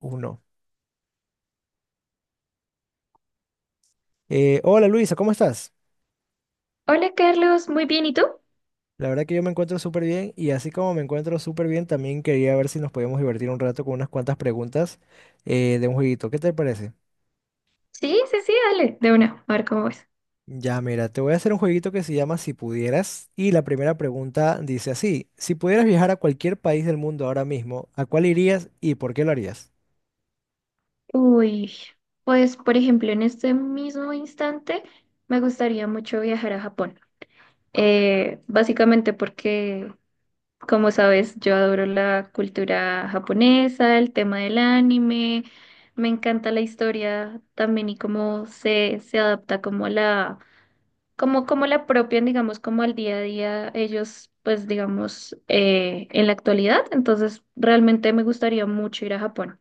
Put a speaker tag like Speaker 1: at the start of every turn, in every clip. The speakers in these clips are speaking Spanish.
Speaker 1: Uno. Hola Luisa, ¿cómo estás?
Speaker 2: Hola Carlos, muy bien, ¿y tú?
Speaker 1: La verdad que yo me encuentro súper bien y así como me encuentro súper bien, también quería ver si nos podíamos divertir un rato con unas cuantas preguntas de un jueguito. ¿Qué te parece?
Speaker 2: Sí, sí, sí, dale, de una, a ver cómo es.
Speaker 1: Ya, mira, te voy a hacer un jueguito que se llama Si pudieras y la primera pregunta dice así, si pudieras viajar a cualquier país del mundo ahora mismo, ¿a cuál irías y por qué lo harías?
Speaker 2: Uy, pues por ejemplo, en este mismo instante me gustaría mucho viajar a Japón. Básicamente porque, como sabes, yo adoro la cultura japonesa, el tema del anime, me encanta la historia también y cómo se adapta como a la como, como la apropian, digamos, como al día a día ellos, pues, digamos, en la actualidad. Entonces, realmente me gustaría mucho ir a Japón.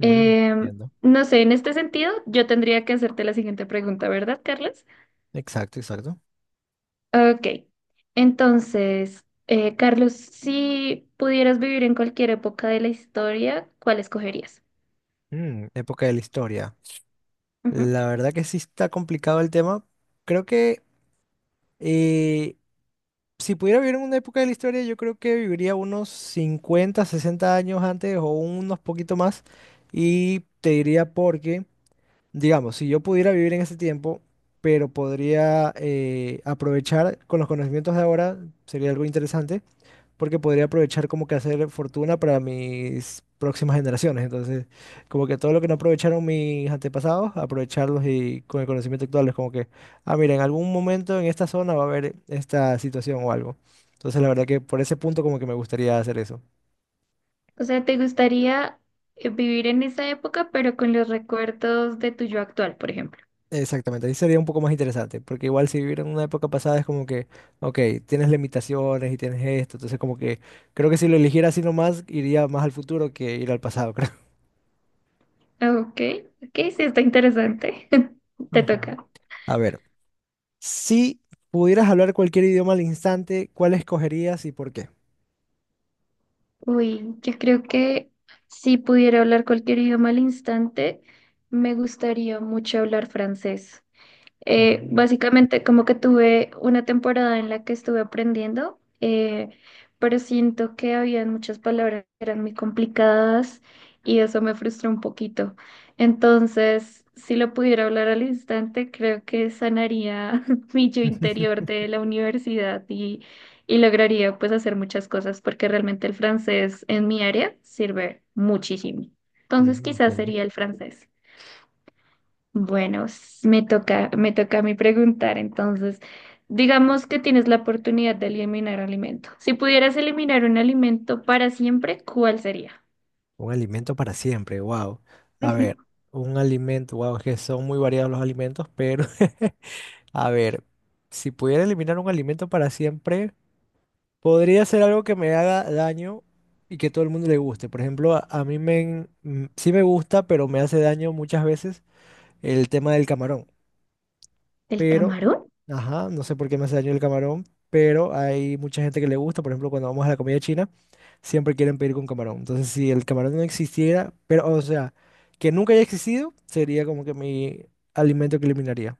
Speaker 1: Mm,
Speaker 2: Em,
Speaker 1: Entiendo.
Speaker 2: no sé, en este sentido, yo tendría que hacerte la siguiente pregunta, ¿verdad, Carlos?
Speaker 1: Exacto, exacto.
Speaker 2: Ok. Entonces, Carlos, si pudieras vivir en cualquier época de la historia, ¿cuál escogerías?
Speaker 1: Época de la historia.
Speaker 2: Ujú.
Speaker 1: La verdad que sí está complicado el tema. Creo que Eh, si pudiera vivir en una época de la historia, yo creo que viviría unos 50, 60 años antes o unos poquito más. Y te diría porque, digamos, si yo pudiera vivir en ese tiempo, pero podría aprovechar con los conocimientos de ahora, sería algo interesante porque podría aprovechar como que hacer fortuna para mis próximas generaciones. Entonces, como que todo lo que no aprovecharon mis antepasados, aprovecharlos y con el conocimiento actual es como que, ah, mira, en algún momento en esta zona va a haber esta situación o algo. Entonces, la verdad que por ese punto como que me gustaría hacer eso.
Speaker 2: O sea, ¿te gustaría vivir en esa época, pero con los recuerdos de tu yo actual, por ejemplo?
Speaker 1: Exactamente, ahí sería un poco más interesante, porque igual si vivir en una época pasada es como que, ok, tienes limitaciones y tienes esto, entonces como que creo que si lo eligiera así nomás, iría más al futuro que ir al pasado, creo.
Speaker 2: Ok, ok, sí, está interesante. Te
Speaker 1: Ujú.
Speaker 2: toca.
Speaker 1: A ver. Si pudieras hablar cualquier idioma al instante, ¿cuál escogerías y por qué?
Speaker 2: Uy, yo creo que si pudiera hablar cualquier idioma al instante, me gustaría mucho hablar francés.
Speaker 1: Mm.
Speaker 2: Básicamente como que tuve una temporada en la que estuve aprendiendo, pero siento que había muchas palabras que eran muy complicadas y eso me frustró un poquito. Entonces, si lo pudiera hablar al instante, creo que sanaría mi yo interior de la universidad y lograría pues hacer muchas cosas porque realmente el francés en mi área sirve muchísimo. Entonces, quizás
Speaker 1: Entiendo.
Speaker 2: sería el francés. Bueno, me toca a mí preguntar, entonces, digamos que tienes la oportunidad de eliminar alimento. Si pudieras eliminar un alimento para siempre, ¿cuál sería?
Speaker 1: Un alimento para siempre, wow. A
Speaker 2: Ujú.
Speaker 1: ver, un alimento, wow, es que son muy variados los alimentos, pero a ver, si pudiera eliminar un alimento para siempre, podría ser algo que me haga daño y que todo el mundo le guste. Por ejemplo, a mí me, sí me gusta, pero me hace daño muchas veces el tema del camarón.
Speaker 2: ¿El
Speaker 1: Pero,
Speaker 2: camarón?
Speaker 1: ajá, no sé por qué me hace daño el camarón, pero hay mucha gente que le gusta, por ejemplo, cuando vamos a la comida china, siempre quieren pedir con camarón. Entonces, si el camarón no existiera, pero, o sea, que nunca haya existido, sería como que mi alimento que eliminaría.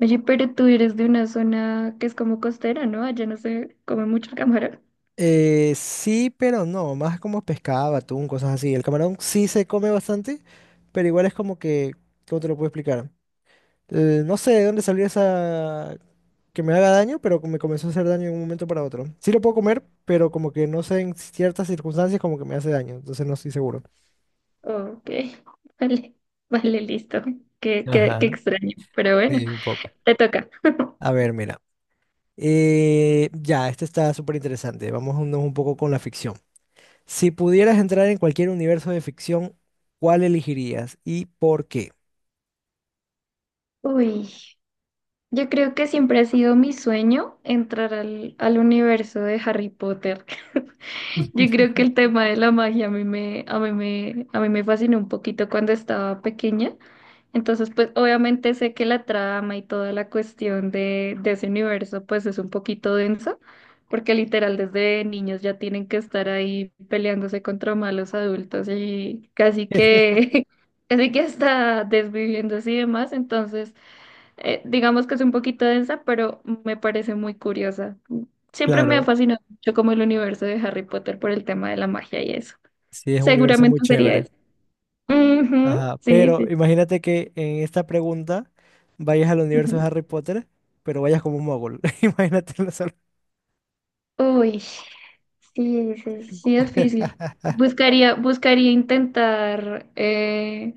Speaker 2: Oye, pero tú eres de una zona que es como costera, ¿no? Allá no se come mucho el camarón.
Speaker 1: Sí, pero no, más como pescado, atún, cosas así. El camarón sí se come bastante, pero igual es como que, ¿cómo te lo puedo explicar? No sé de dónde salió esa que me haga daño, pero me comenzó a hacer daño de un momento para otro. Sí lo puedo comer, pero como que no sé en ciertas circunstancias como que me hace daño, entonces no estoy seguro.
Speaker 2: Ok, vale, vale, listo. Qué, qué, qué
Speaker 1: Ajá,
Speaker 2: extraño, pero bueno,
Speaker 1: sí, un poco.
Speaker 2: te toca.
Speaker 1: A ver, mira. Ya, este está súper interesante. Vámonos un poco con la ficción. Si pudieras entrar en cualquier universo de ficción, ¿cuál elegirías y por qué?
Speaker 2: Uy, yo creo que siempre ha sido mi sueño entrar al universo de Harry Potter. Yo creo que el tema de la magia a mí me fascinó un poquito cuando estaba pequeña. Entonces, pues obviamente sé que la trama y toda la cuestión de ese universo, pues es un poquito densa, porque literal desde niños ya tienen que estar ahí peleándose contra malos adultos y casi que, casi que hasta desviviéndose y demás. Entonces, digamos que es un poquito densa, pero me parece muy curiosa. Siempre me ha
Speaker 1: Claro,
Speaker 2: fascinado mucho como el universo de Harry Potter por el tema de la magia y eso.
Speaker 1: sí, es un universo muy
Speaker 2: Seguramente sería
Speaker 1: chévere.
Speaker 2: eso. Ujú,
Speaker 1: Ajá,
Speaker 2: sí,
Speaker 1: pero
Speaker 2: sí. sí,
Speaker 1: imagínate que en esta pregunta vayas al universo de
Speaker 2: ujú.
Speaker 1: Harry Potter, pero vayas como un mogul. Imagínate la solución.
Speaker 2: Uy, sí, sí, sí, difícil. Buscaría intentar,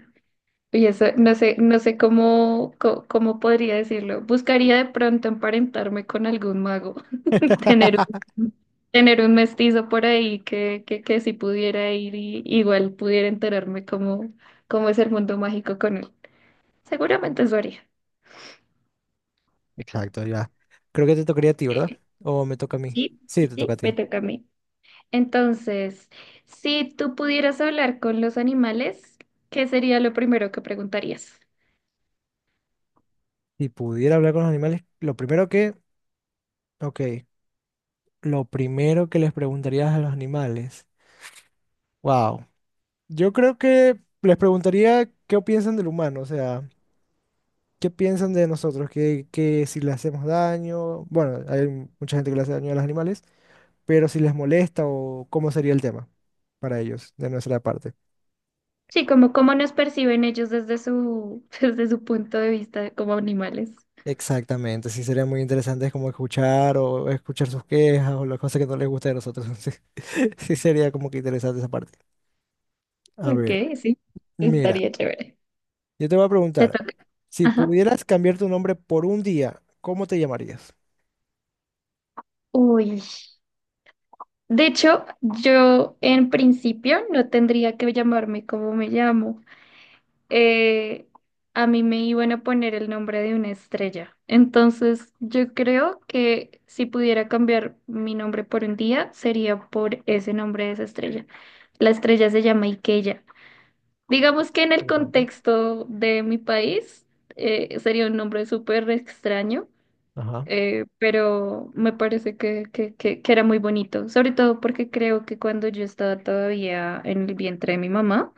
Speaker 2: y eso, no sé, cómo podría decirlo. Buscaría de pronto emparentarme con algún mago. Tener un, tener un mestizo por ahí que si pudiera ir y igual pudiera enterarme cómo, cómo es el mundo mágico con él. Seguramente eso haría.
Speaker 1: Exacto, ya. Creo que te tocaría a ti, ¿verdad?
Speaker 2: Eh,
Speaker 1: ¿O me toca a mí?
Speaker 2: sí,
Speaker 1: Sí, te toca a
Speaker 2: sí, me
Speaker 1: ti.
Speaker 2: toca a mí. Entonces, si tú pudieras hablar con los animales, ¿qué sería lo primero que preguntarías?
Speaker 1: Si pudiera hablar con los animales, lo primero que, ok, lo primero que les preguntarías a los animales, wow, yo creo que les preguntaría qué piensan del humano, o sea, qué piensan de nosotros, que si le hacemos daño, bueno, hay mucha gente que le hace daño a los animales, pero si les molesta o cómo sería el tema para ellos de nuestra parte.
Speaker 2: Sí, como cómo nos perciben ellos desde su, desde su punto de vista como animales.
Speaker 1: Exactamente, sí sería muy interesante como escuchar o escuchar sus quejas o las cosas que no les gusta de nosotros. Sí, sí sería como que interesante esa parte. A ver,
Speaker 2: Ok, sí,
Speaker 1: mira,
Speaker 2: estaría chévere.
Speaker 1: yo te voy a
Speaker 2: Te
Speaker 1: preguntar,
Speaker 2: toca.
Speaker 1: si
Speaker 2: Ajá.
Speaker 1: pudieras cambiar tu nombre por un día, ¿cómo te llamarías?
Speaker 2: Uy. De hecho, yo en principio no tendría que llamarme como me llamo. Eh, a mí me iban a poner el nombre de una estrella. Entonces, yo creo que si pudiera cambiar mi nombre por un día, sería por ese nombre de esa estrella. La estrella se llama Ikella. Digamos que en el
Speaker 1: Interesante.
Speaker 2: contexto de mi país, sería un nombre súper extraño
Speaker 1: Ajá.
Speaker 2: pero me parece que era muy bonito, sobre todo porque creo que cuando yo estaba todavía en el vientre de mi mamá,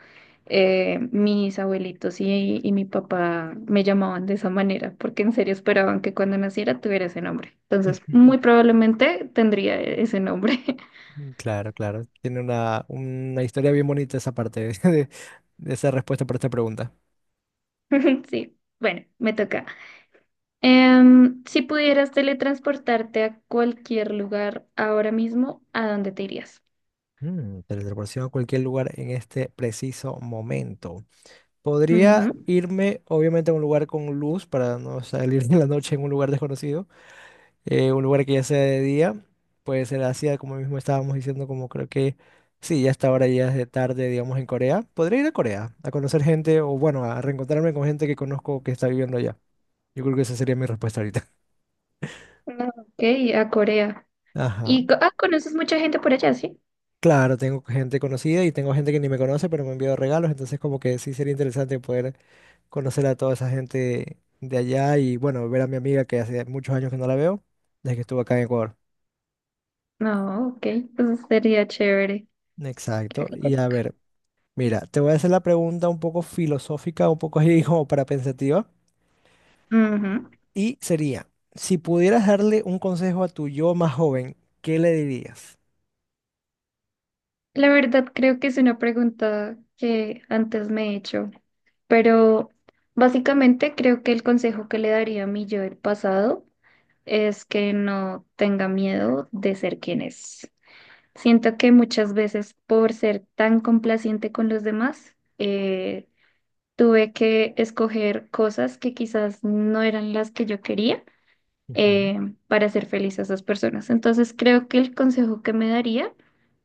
Speaker 2: mis abuelitos y mi papá me llamaban de esa manera, porque en serio esperaban que cuando naciera tuviera ese nombre. Entonces, muy probablemente tendría ese nombre.
Speaker 1: Claro, claro. Tiene una, historia bien bonita esa parte de esa respuesta para esta pregunta.
Speaker 2: Sí, bueno, me toca. Si pudieras teletransportarte a cualquier lugar ahora mismo, ¿a dónde te irías?
Speaker 1: Teletransportación a cualquier lugar en este preciso momento. Podría
Speaker 2: Ujú.
Speaker 1: irme, obviamente, a un lugar con luz para no salir en la noche en un lugar desconocido, un lugar que ya sea de día. Puede ser Asia, como mismo estábamos diciendo, como creo que sí, ya hasta ahora ya es de tarde, digamos, en Corea. Podría ir a Corea a conocer gente o, bueno, a reencontrarme con gente que conozco que está viviendo allá. Yo creo que esa sería mi respuesta ahorita.
Speaker 2: No, Ok, a Corea.
Speaker 1: Ajá.
Speaker 2: Y conoces mucha gente por allá, ¿sí?
Speaker 1: Claro, tengo gente conocida y tengo gente que ni me conoce, pero me ha enviado regalos, entonces como que sí sería interesante poder conocer a toda esa gente de allá y bueno, ver a mi amiga que hace muchos años que no la veo, desde que estuvo acá en Ecuador.
Speaker 2: No, ok, pues sería chévere. Creo
Speaker 1: Exacto.
Speaker 2: que te
Speaker 1: Y a
Speaker 2: toca.
Speaker 1: ver, mira, te voy a hacer la pregunta un poco filosófica, un poco así como para pensativa.
Speaker 2: Ujú.
Speaker 1: Y sería, si pudieras darle un consejo a tu yo más joven, ¿qué le dirías?
Speaker 2: La verdad, creo que es una pregunta que antes me he hecho, pero básicamente creo que el consejo que le daría a mi yo del pasado es que no tenga miedo de ser quien es. Siento que muchas veces por ser tan complaciente con los demás, tuve que escoger cosas que quizás no eran las que yo quería
Speaker 1: Ujú,
Speaker 2: eh, para hacer feliz a esas personas. Entonces creo que el consejo que me daría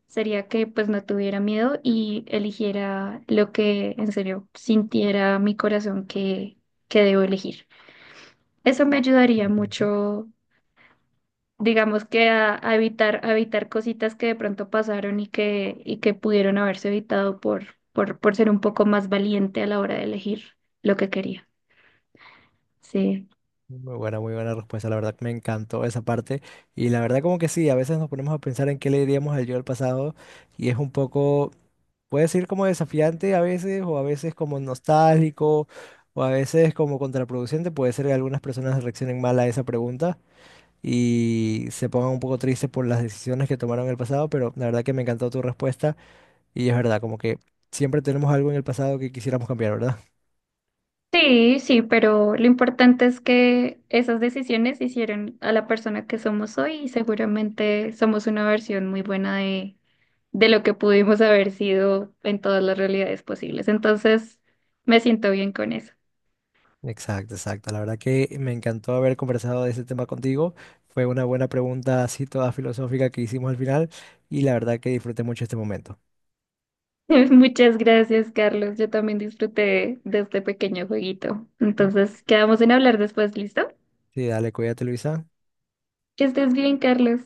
Speaker 2: sería que pues no tuviera miedo y eligiera lo que en serio sintiera mi corazón que debo elegir. Eso me ayudaría
Speaker 1: ujú.
Speaker 2: mucho, digamos que a evitar cositas que de pronto pasaron y que pudieron haberse evitado por ser un poco más valiente a la hora de elegir lo que quería. Sí.
Speaker 1: Muy buena respuesta. La verdad que me encantó esa parte. Y la verdad como que sí, a veces nos ponemos a pensar en qué le diríamos al yo del pasado y es un poco, puede ser como desafiante a veces o a veces como nostálgico o a veces como contraproducente. Puede ser que algunas personas reaccionen mal a esa pregunta y se pongan un poco tristes por las decisiones que tomaron en el pasado, pero la verdad que me encantó tu respuesta y es verdad, como que siempre tenemos algo en el pasado que quisiéramos cambiar, ¿verdad?
Speaker 2: Sí, sí, pero lo importante es que esas decisiones hicieron a la persona que somos hoy y seguramente somos una versión muy buena de lo que pudimos haber sido en todas las realidades posibles. Entonces, me siento bien con eso.
Speaker 1: Exacto, exacto. La verdad que me encantó haber conversado de ese tema contigo. Fue una buena pregunta así toda filosófica que hicimos al final y la verdad que disfruté mucho este momento.
Speaker 2: Muchas gracias, Carlos. Yo también disfruté de este pequeño jueguito.
Speaker 1: Mm.
Speaker 2: Entonces, quedamos en hablar después, ¿listo?
Speaker 1: Sí, dale, cuídate, Luisa.
Speaker 2: Que estés bien, Carlos.